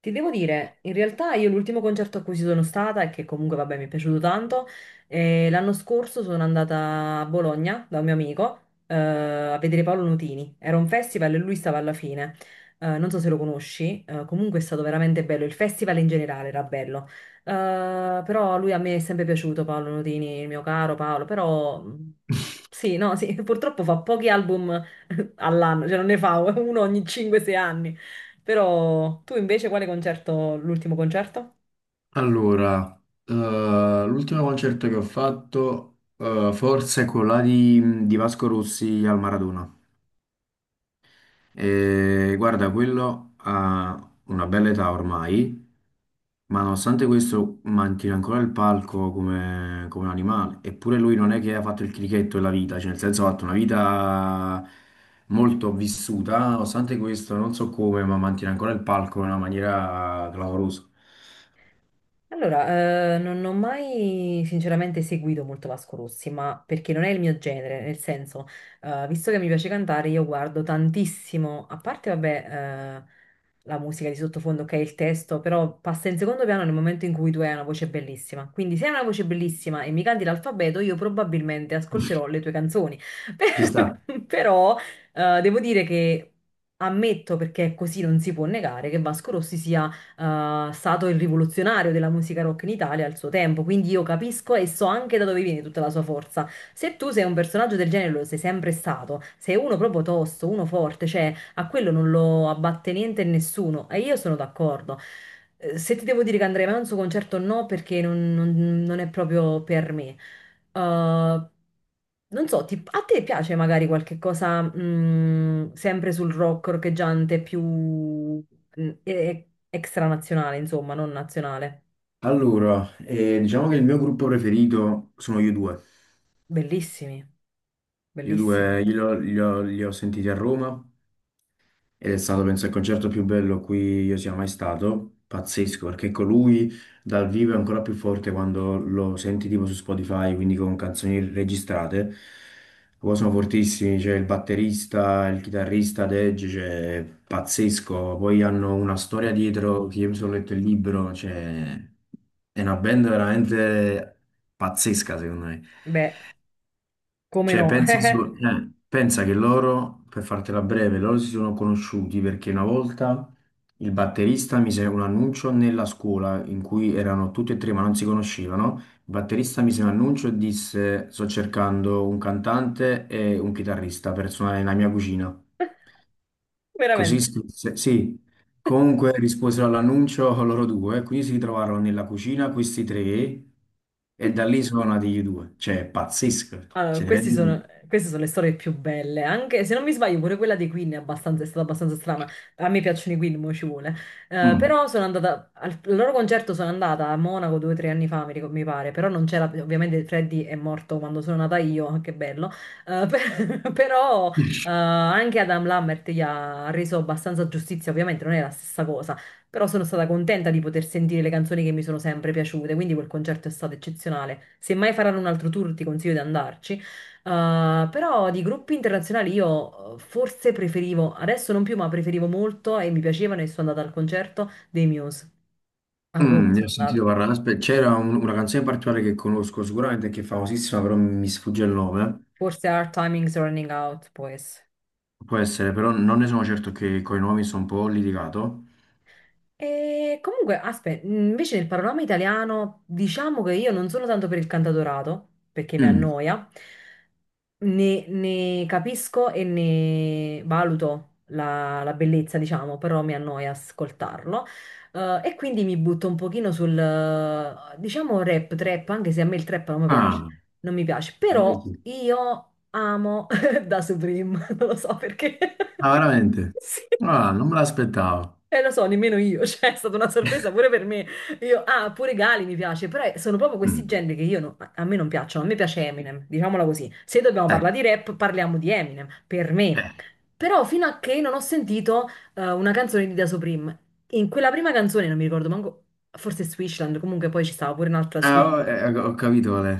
Ti devo dire, in realtà io l'ultimo concerto a cui ci sono stata, e che comunque vabbè mi è piaciuto tanto, l'anno scorso sono andata a Bologna da un mio amico a vedere Paolo Nutini. Era un festival e lui stava alla fine. Non so se lo conosci, comunque è stato veramente bello. Il festival in generale era bello. Eh, Però lui a me è sempre piaciuto, Paolo Nutini, il mio caro Paolo. Sì, no, sì, purtroppo fa pochi album all'anno, cioè non ne fa uno ogni 5-6 anni. Però tu invece quale concerto, l'ultimo concerto? Allora, eh, l'ultimo concerto che ho fatto, forse è quello là di Vasco Rossi al Maradona. E guarda, quello ha una bella età ormai, ma nonostante questo mantiene ancora il palco come, come un animale. Eppure lui non è che ha fatto il crichetto della vita, cioè nel senso ha fatto una vita molto vissuta, nonostante questo non so come, ma mantiene ancora il palco in una maniera clamorosa. Allora, non ho mai sinceramente seguito molto Vasco Rossi, ma perché non è il mio genere, nel senso, visto che mi piace cantare, io guardo tantissimo, a parte, vabbè, la musica di sottofondo, ok, il testo, però passa in secondo piano nel momento in cui tu hai una voce bellissima. Quindi se hai una voce bellissima e mi canti l'alfabeto, io probabilmente ascolterò le tue canzoni. Ci sta. Però, devo dire che ammetto, perché così non si può negare, che Vasco Rossi sia stato il rivoluzionario della musica rock in Italia al suo tempo, quindi io capisco e so anche da dove viene tutta la sua forza. Se tu sei un personaggio del genere, lo sei sempre stato, sei uno proprio tosto, uno forte, cioè a quello non lo abbatte niente e nessuno, e io sono d'accordo. Se ti devo dire che andrei mai a un suo concerto, no, perché non è proprio per me. Uh, Non so, a te piace magari qualche cosa sempre sul rock roccheggiante più extranazionale, insomma, non nazionale? Allora, diciamo che il mio gruppo preferito sono io due. Bellissimi, Io due bellissimi. li ho sentiti a Roma, ed è stato, penso, il concerto più bello a cui io sia mai stato. Pazzesco, perché con lui dal vivo è ancora più forte quando lo senti tipo su Spotify, quindi con canzoni registrate. Poi sono fortissimi, c'è il batterista, il chitarrista, Dej, cioè, pazzesco. Poi hanno una storia dietro, che io mi sono letto il libro, cioè, è una band veramente pazzesca, secondo me. Beh, come Cioè, no, pensa, pensa che loro, per fartela breve, loro si sono conosciuti perché una volta il batterista mise un annuncio nella scuola in cui erano tutti e tre ma non si conoscevano. Il batterista mise un annuncio e disse: Sto cercando un cantante e un chitarrista per suonare nella mia cucina. Così veramente. scrisse, sì. Comunque risposero all'annuncio loro due, quindi si ritrovarono nella cucina questi tre e da lì sono nati gli due. Cioè, pazzesco. Allora, Cioè, ti rendi conto? queste sono le storie più belle, anche se non mi sbaglio pure quella dei Queen è stata abbastanza strana, a me piacciono i Queen, mo ci vuole, Mm. Però al loro concerto sono andata a Monaco due o tre anni fa, mi pare, però non c'era, ovviamente Freddy è morto quando sono nata io, che bello, però anche Adam Lambert gli ha reso abbastanza giustizia, ovviamente non è la stessa cosa, però sono stata contenta di poter sentire le canzoni che mi sono sempre piaciute, quindi quel concerto è stato eccezionale. Se mai faranno un altro tour, ti consiglio di andarci. Però di gruppi internazionali io forse preferivo, adesso non più, ma preferivo molto e mi piacevano e sono andata al concerto dei Muse. A Roma Mm, ne ho sono andata. sentito parlare, aspetta, c'era una canzone in particolare che conosco sicuramente che è famosissima, però mi sfugge il nome. Forse Our Timing's Running Out, può essere. Può essere, però non ne sono certo che coi nomi sono un po' litigato. E comunque, aspetta, invece nel panorama italiano diciamo che io non sono tanto per il cantautorato, perché mi Mm. annoia, ne capisco e ne valuto la bellezza, diciamo, però mi annoia ascoltarlo. E quindi mi butto un pochino sul, diciamo, rap, trap, anche se a me il trap non mi piace, Ah. non mi piace, A me però sì. io amo Da Supreme, non lo so perché. Ah, veramente? Sì. Ah, non me l'aspettavo. Lo so, nemmeno io, cioè è stata una sorpresa pure per me. Io, ah, pure Gali mi piace, però sono proprio questi Mm. generi che io no- a me non piacciono, a me piace Eminem, diciamola così. Se dobbiamo Eh, parlare di rap, parliamo di Eminem, per me. eh. Però fino a che non ho sentito una canzone di Da Supreme, in quella prima canzone, non mi ricordo manco, forse Switchland, comunque poi ci stava pure un'altra Ah, swing ho capito qual è.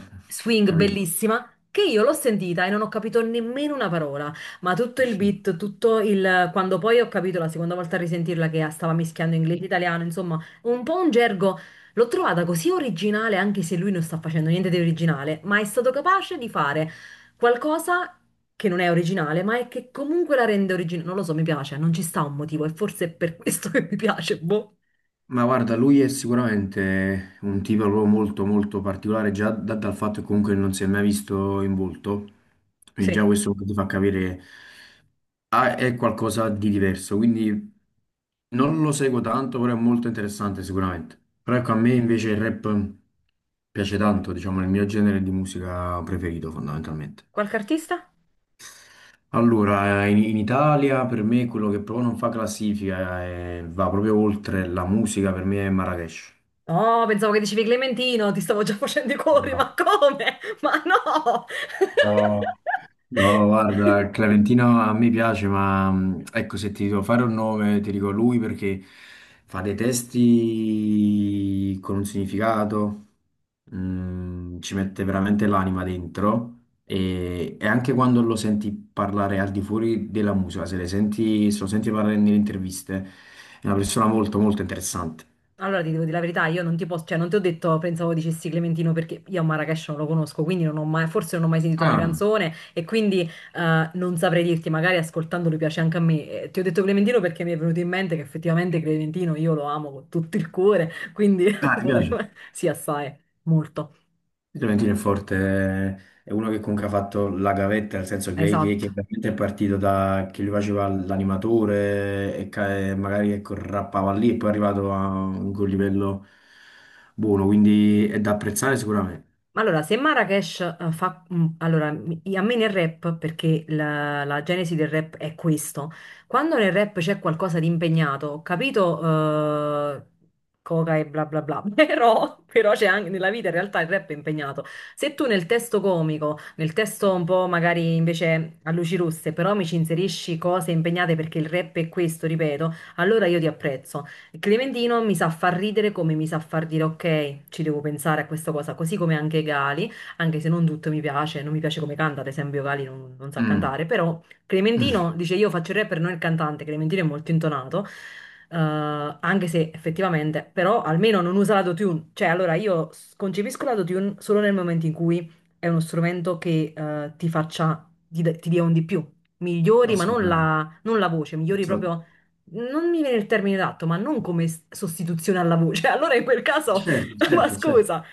Ho swing capito. bellissima che io l'ho sentita e non ho capito nemmeno una parola, ma tutto il beat, tutto il. Quando poi ho capito la seconda volta a risentirla che stava mischiando inglese e italiano, insomma, un po' un gergo, l'ho trovata così originale anche se lui non sta facendo niente di originale, ma è stato capace di fare qualcosa che non è originale, ma è che comunque la rende originale, non lo so, mi piace, non ci sta un motivo e forse è per questo che mi piace, boh. Ma guarda, lui è sicuramente un tipo proprio molto molto particolare, già dal fatto che comunque non si è mai visto in volto, quindi già Sì, questo ti fa capire ah, è qualcosa di diverso, quindi non lo seguo tanto, però è molto interessante sicuramente. Però ecco, a me invece il rap piace tanto, diciamo, è il mio genere di musica preferito fondamentalmente. qualche artista? Allora, in Italia per me quello che proprio non fa classifica e va proprio oltre la musica, per me è Marrakesh. Oh, pensavo che dicevi Clementino, ti stavo già facendo i cuori, No, ma come? Ma no! no, no, guarda, Clementino a me piace, ma ecco, se ti devo fare un nome, ti dico lui perché fa dei testi con un significato, ci mette veramente l'anima dentro e anche quando lo senti parlare al di fuori della musica, se, le senti, se lo senti parlare nelle interviste, è una persona molto, molto interessante. Allora ti devo dire la verità, io non ti posso, cioè non ti ho detto, pensavo dicessi Clementino perché io a Marrakesh non lo conosco, quindi non ho mai, forse non ho mai sentito una Ah, canzone e quindi non saprei dirti, magari ascoltandolo piace anche a me. Ti ho detto Clementino perché mi è venuto in mente che effettivamente Clementino io lo amo con tutto il cuore, quindi ah, ti potremmo... piace? Sì, assai, molto. Fiorentino è forte, è uno che comunque ha fatto la gavetta, nel senso che, Esatto. che veramente è partito da che lui faceva l'animatore e e magari ecco, rappava lì e poi è arrivato a un quel livello buono, quindi è da apprezzare sicuramente. Ma allora, se Marrakesh fa... allora, a me nel rap, perché la genesi del rap è questo, quando nel rap c'è qualcosa di impegnato, ho capito eh, coca e bla bla bla, però, però c'è anche nella vita in realtà il rap è impegnato. Se tu nel testo comico, nel testo un po' magari invece a luci rosse, però mi ci inserisci cose impegnate perché il rap è questo, ripeto, allora io ti apprezzo. Clementino mi sa far ridere come mi sa far dire ok, ci devo pensare a questa cosa, così come anche Gali, anche se non tutto mi piace, non mi piace come canta, ad esempio Gali non sa Mm. cantare, però Mm. Clementino dice io faccio il rapper, non il cantante, Clementino è molto intonato, eh, anche se effettivamente, però almeno non usa l'autotune, cioè allora io concepisco l'autotune solo nel momento in cui è uno strumento che ti faccia, ti, d- ti dia un di più, migliori, ma non Assolutamente. la, non la voce, migliori Assolut- proprio non mi viene il termine adatto, ma non come sostituzione alla voce. Allora in quel caso, Certo, ma certo, certo. scusa.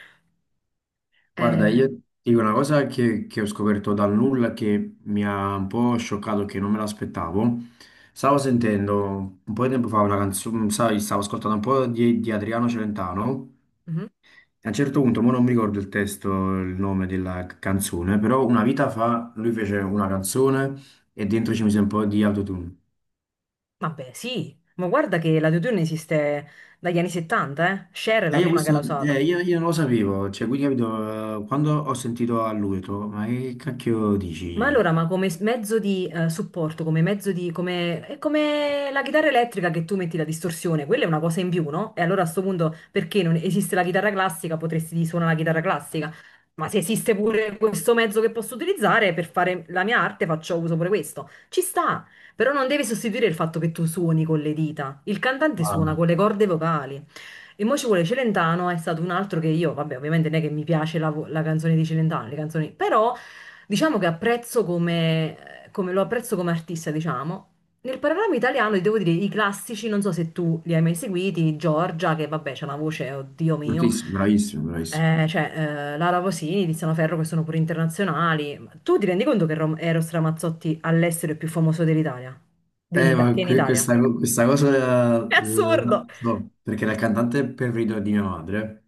Guarda, Eh, io ti dico una cosa che ho scoperto dal nulla che mi ha un po' scioccato, che non me l'aspettavo. Stavo sentendo un po' di tempo fa una canzone, sai, stavo ascoltando un po' di Adriano Celentano. mhm. E a un certo punto, mo non mi ricordo il testo, il nome della canzone, però una vita fa lui fece una canzone e dentro ci mise un po' di autotune. Vabbè, sì, ma guarda che l'autotune esiste dagli anni 70, eh. Cher è la E io, prima che sì, l'ha questo, usato. Io non lo sapevo, cioè, quindi capito, quando ho sentito a lui, ho detto, ma che cacchio Ma dici? allora, ma come mezzo di supporto, come mezzo di... come... è come la chitarra elettrica che tu metti la distorsione, quella è una cosa in più, no? E allora a sto punto, perché non esiste la chitarra classica, potresti suonare la chitarra classica, ma se esiste pure questo mezzo che posso utilizzare per fare la mia arte, faccio uso pure questo. Ci sta, però non deve sostituire il fatto che tu suoni con le dita. Il cantante suona con Ah, le corde vocali. E mo ci vuole Celentano, è stato un altro che io, vabbè, ovviamente non è che mi piace la, la canzone di Celentano, le canzoni, però diciamo che apprezzo come, lo apprezzo come artista, diciamo. Nel panorama italiano, ti devo dire, i classici, non so se tu li hai mai seguiti, Giorgia, che vabbè, c'ha una voce, oddio mio, fortissimo, bravissimo, bravissimo. Cioè Lara Vosini, Tiziano Ferro, che sono pure internazionali. Ma tu ti rendi conto che Eros Ramazzotti all'estero è più famoso dell'Italia? Ma Che in Italia? questa, questa cosa È assurdo! la so, perché la cantante è preferita di mia madre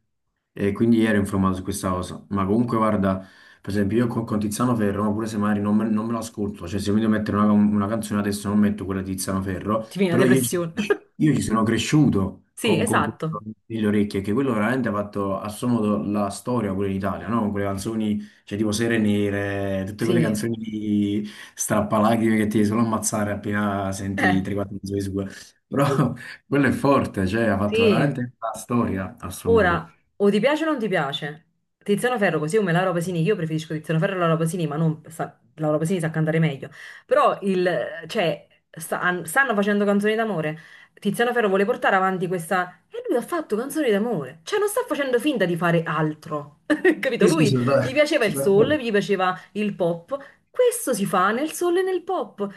e quindi ero informato su questa cosa. Ma comunque, guarda, per esempio, io con Tiziano Ferro, ma pure se magari non me l'ascolto, cioè se mi devo mettere una canzone adesso non metto quella di Tiziano Ferro, Ti viene la però depressione. io ci sono cresciuto Sì, con quello esatto. nelle orecchie, che quello veramente ha fatto a suo modo la storia pure in Italia, no? Con quelle canzoni, cioè, tipo Sere Nere, tutte quelle Sì, canzoni di strappalacrime che ti riescono a ammazzare appena senti Eh, 3-4 mezzo di sua. Però quello è forte, cioè, ha fatto sì. veramente la storia a suo modo. Ora, o ti piace o non ti piace. Tiziano Ferro, così come Laura Pasini, io preferisco Tiziano Ferro e Laura Pasini, ma non sa, Laura Pasini sa cantare meglio. Però cioè, stanno facendo canzoni d'amore. Tiziano Ferro vuole portare avanti questa... E lui ha fatto canzoni d'amore. Cioè, non sta facendo finta di fare altro. Capito? Sì, sì, Lui gli piaceva il sono soul, d'accordo. gli piaceva il pop. Questo si fa nel soul e nel pop.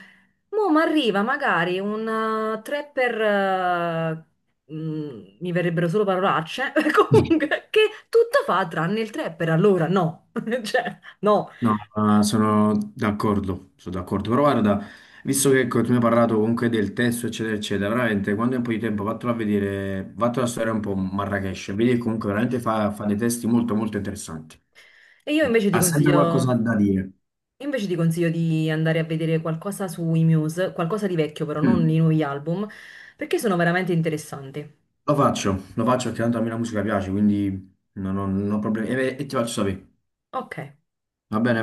Mo' mi arriva magari un tre per, mi verrebbero solo parolacce, comunque, che tutto fa tranne il tre per allora, no. Cioè, no. No, ma sono d'accordo, sono d'accordo. Però guarda, visto che ecco, tu mi hai parlato comunque del testo, eccetera, eccetera, veramente quando è un po' di tempo vattelo a vedere, vattelo a studiare un po' Marrakesh, vedi che comunque veramente fa dei testi molto molto interessanti. E io invece ti Ha sempre qualcosa consiglio... da dire. io invece ti consiglio di andare a vedere qualcosa sui Muse, qualcosa di vecchio però, non Mm. i nuovi album, perché sono veramente interessanti. Lo faccio perché tanto a me la musica piace, quindi non ho, non ho problemi. E ti faccio sapere, Ok. va bene?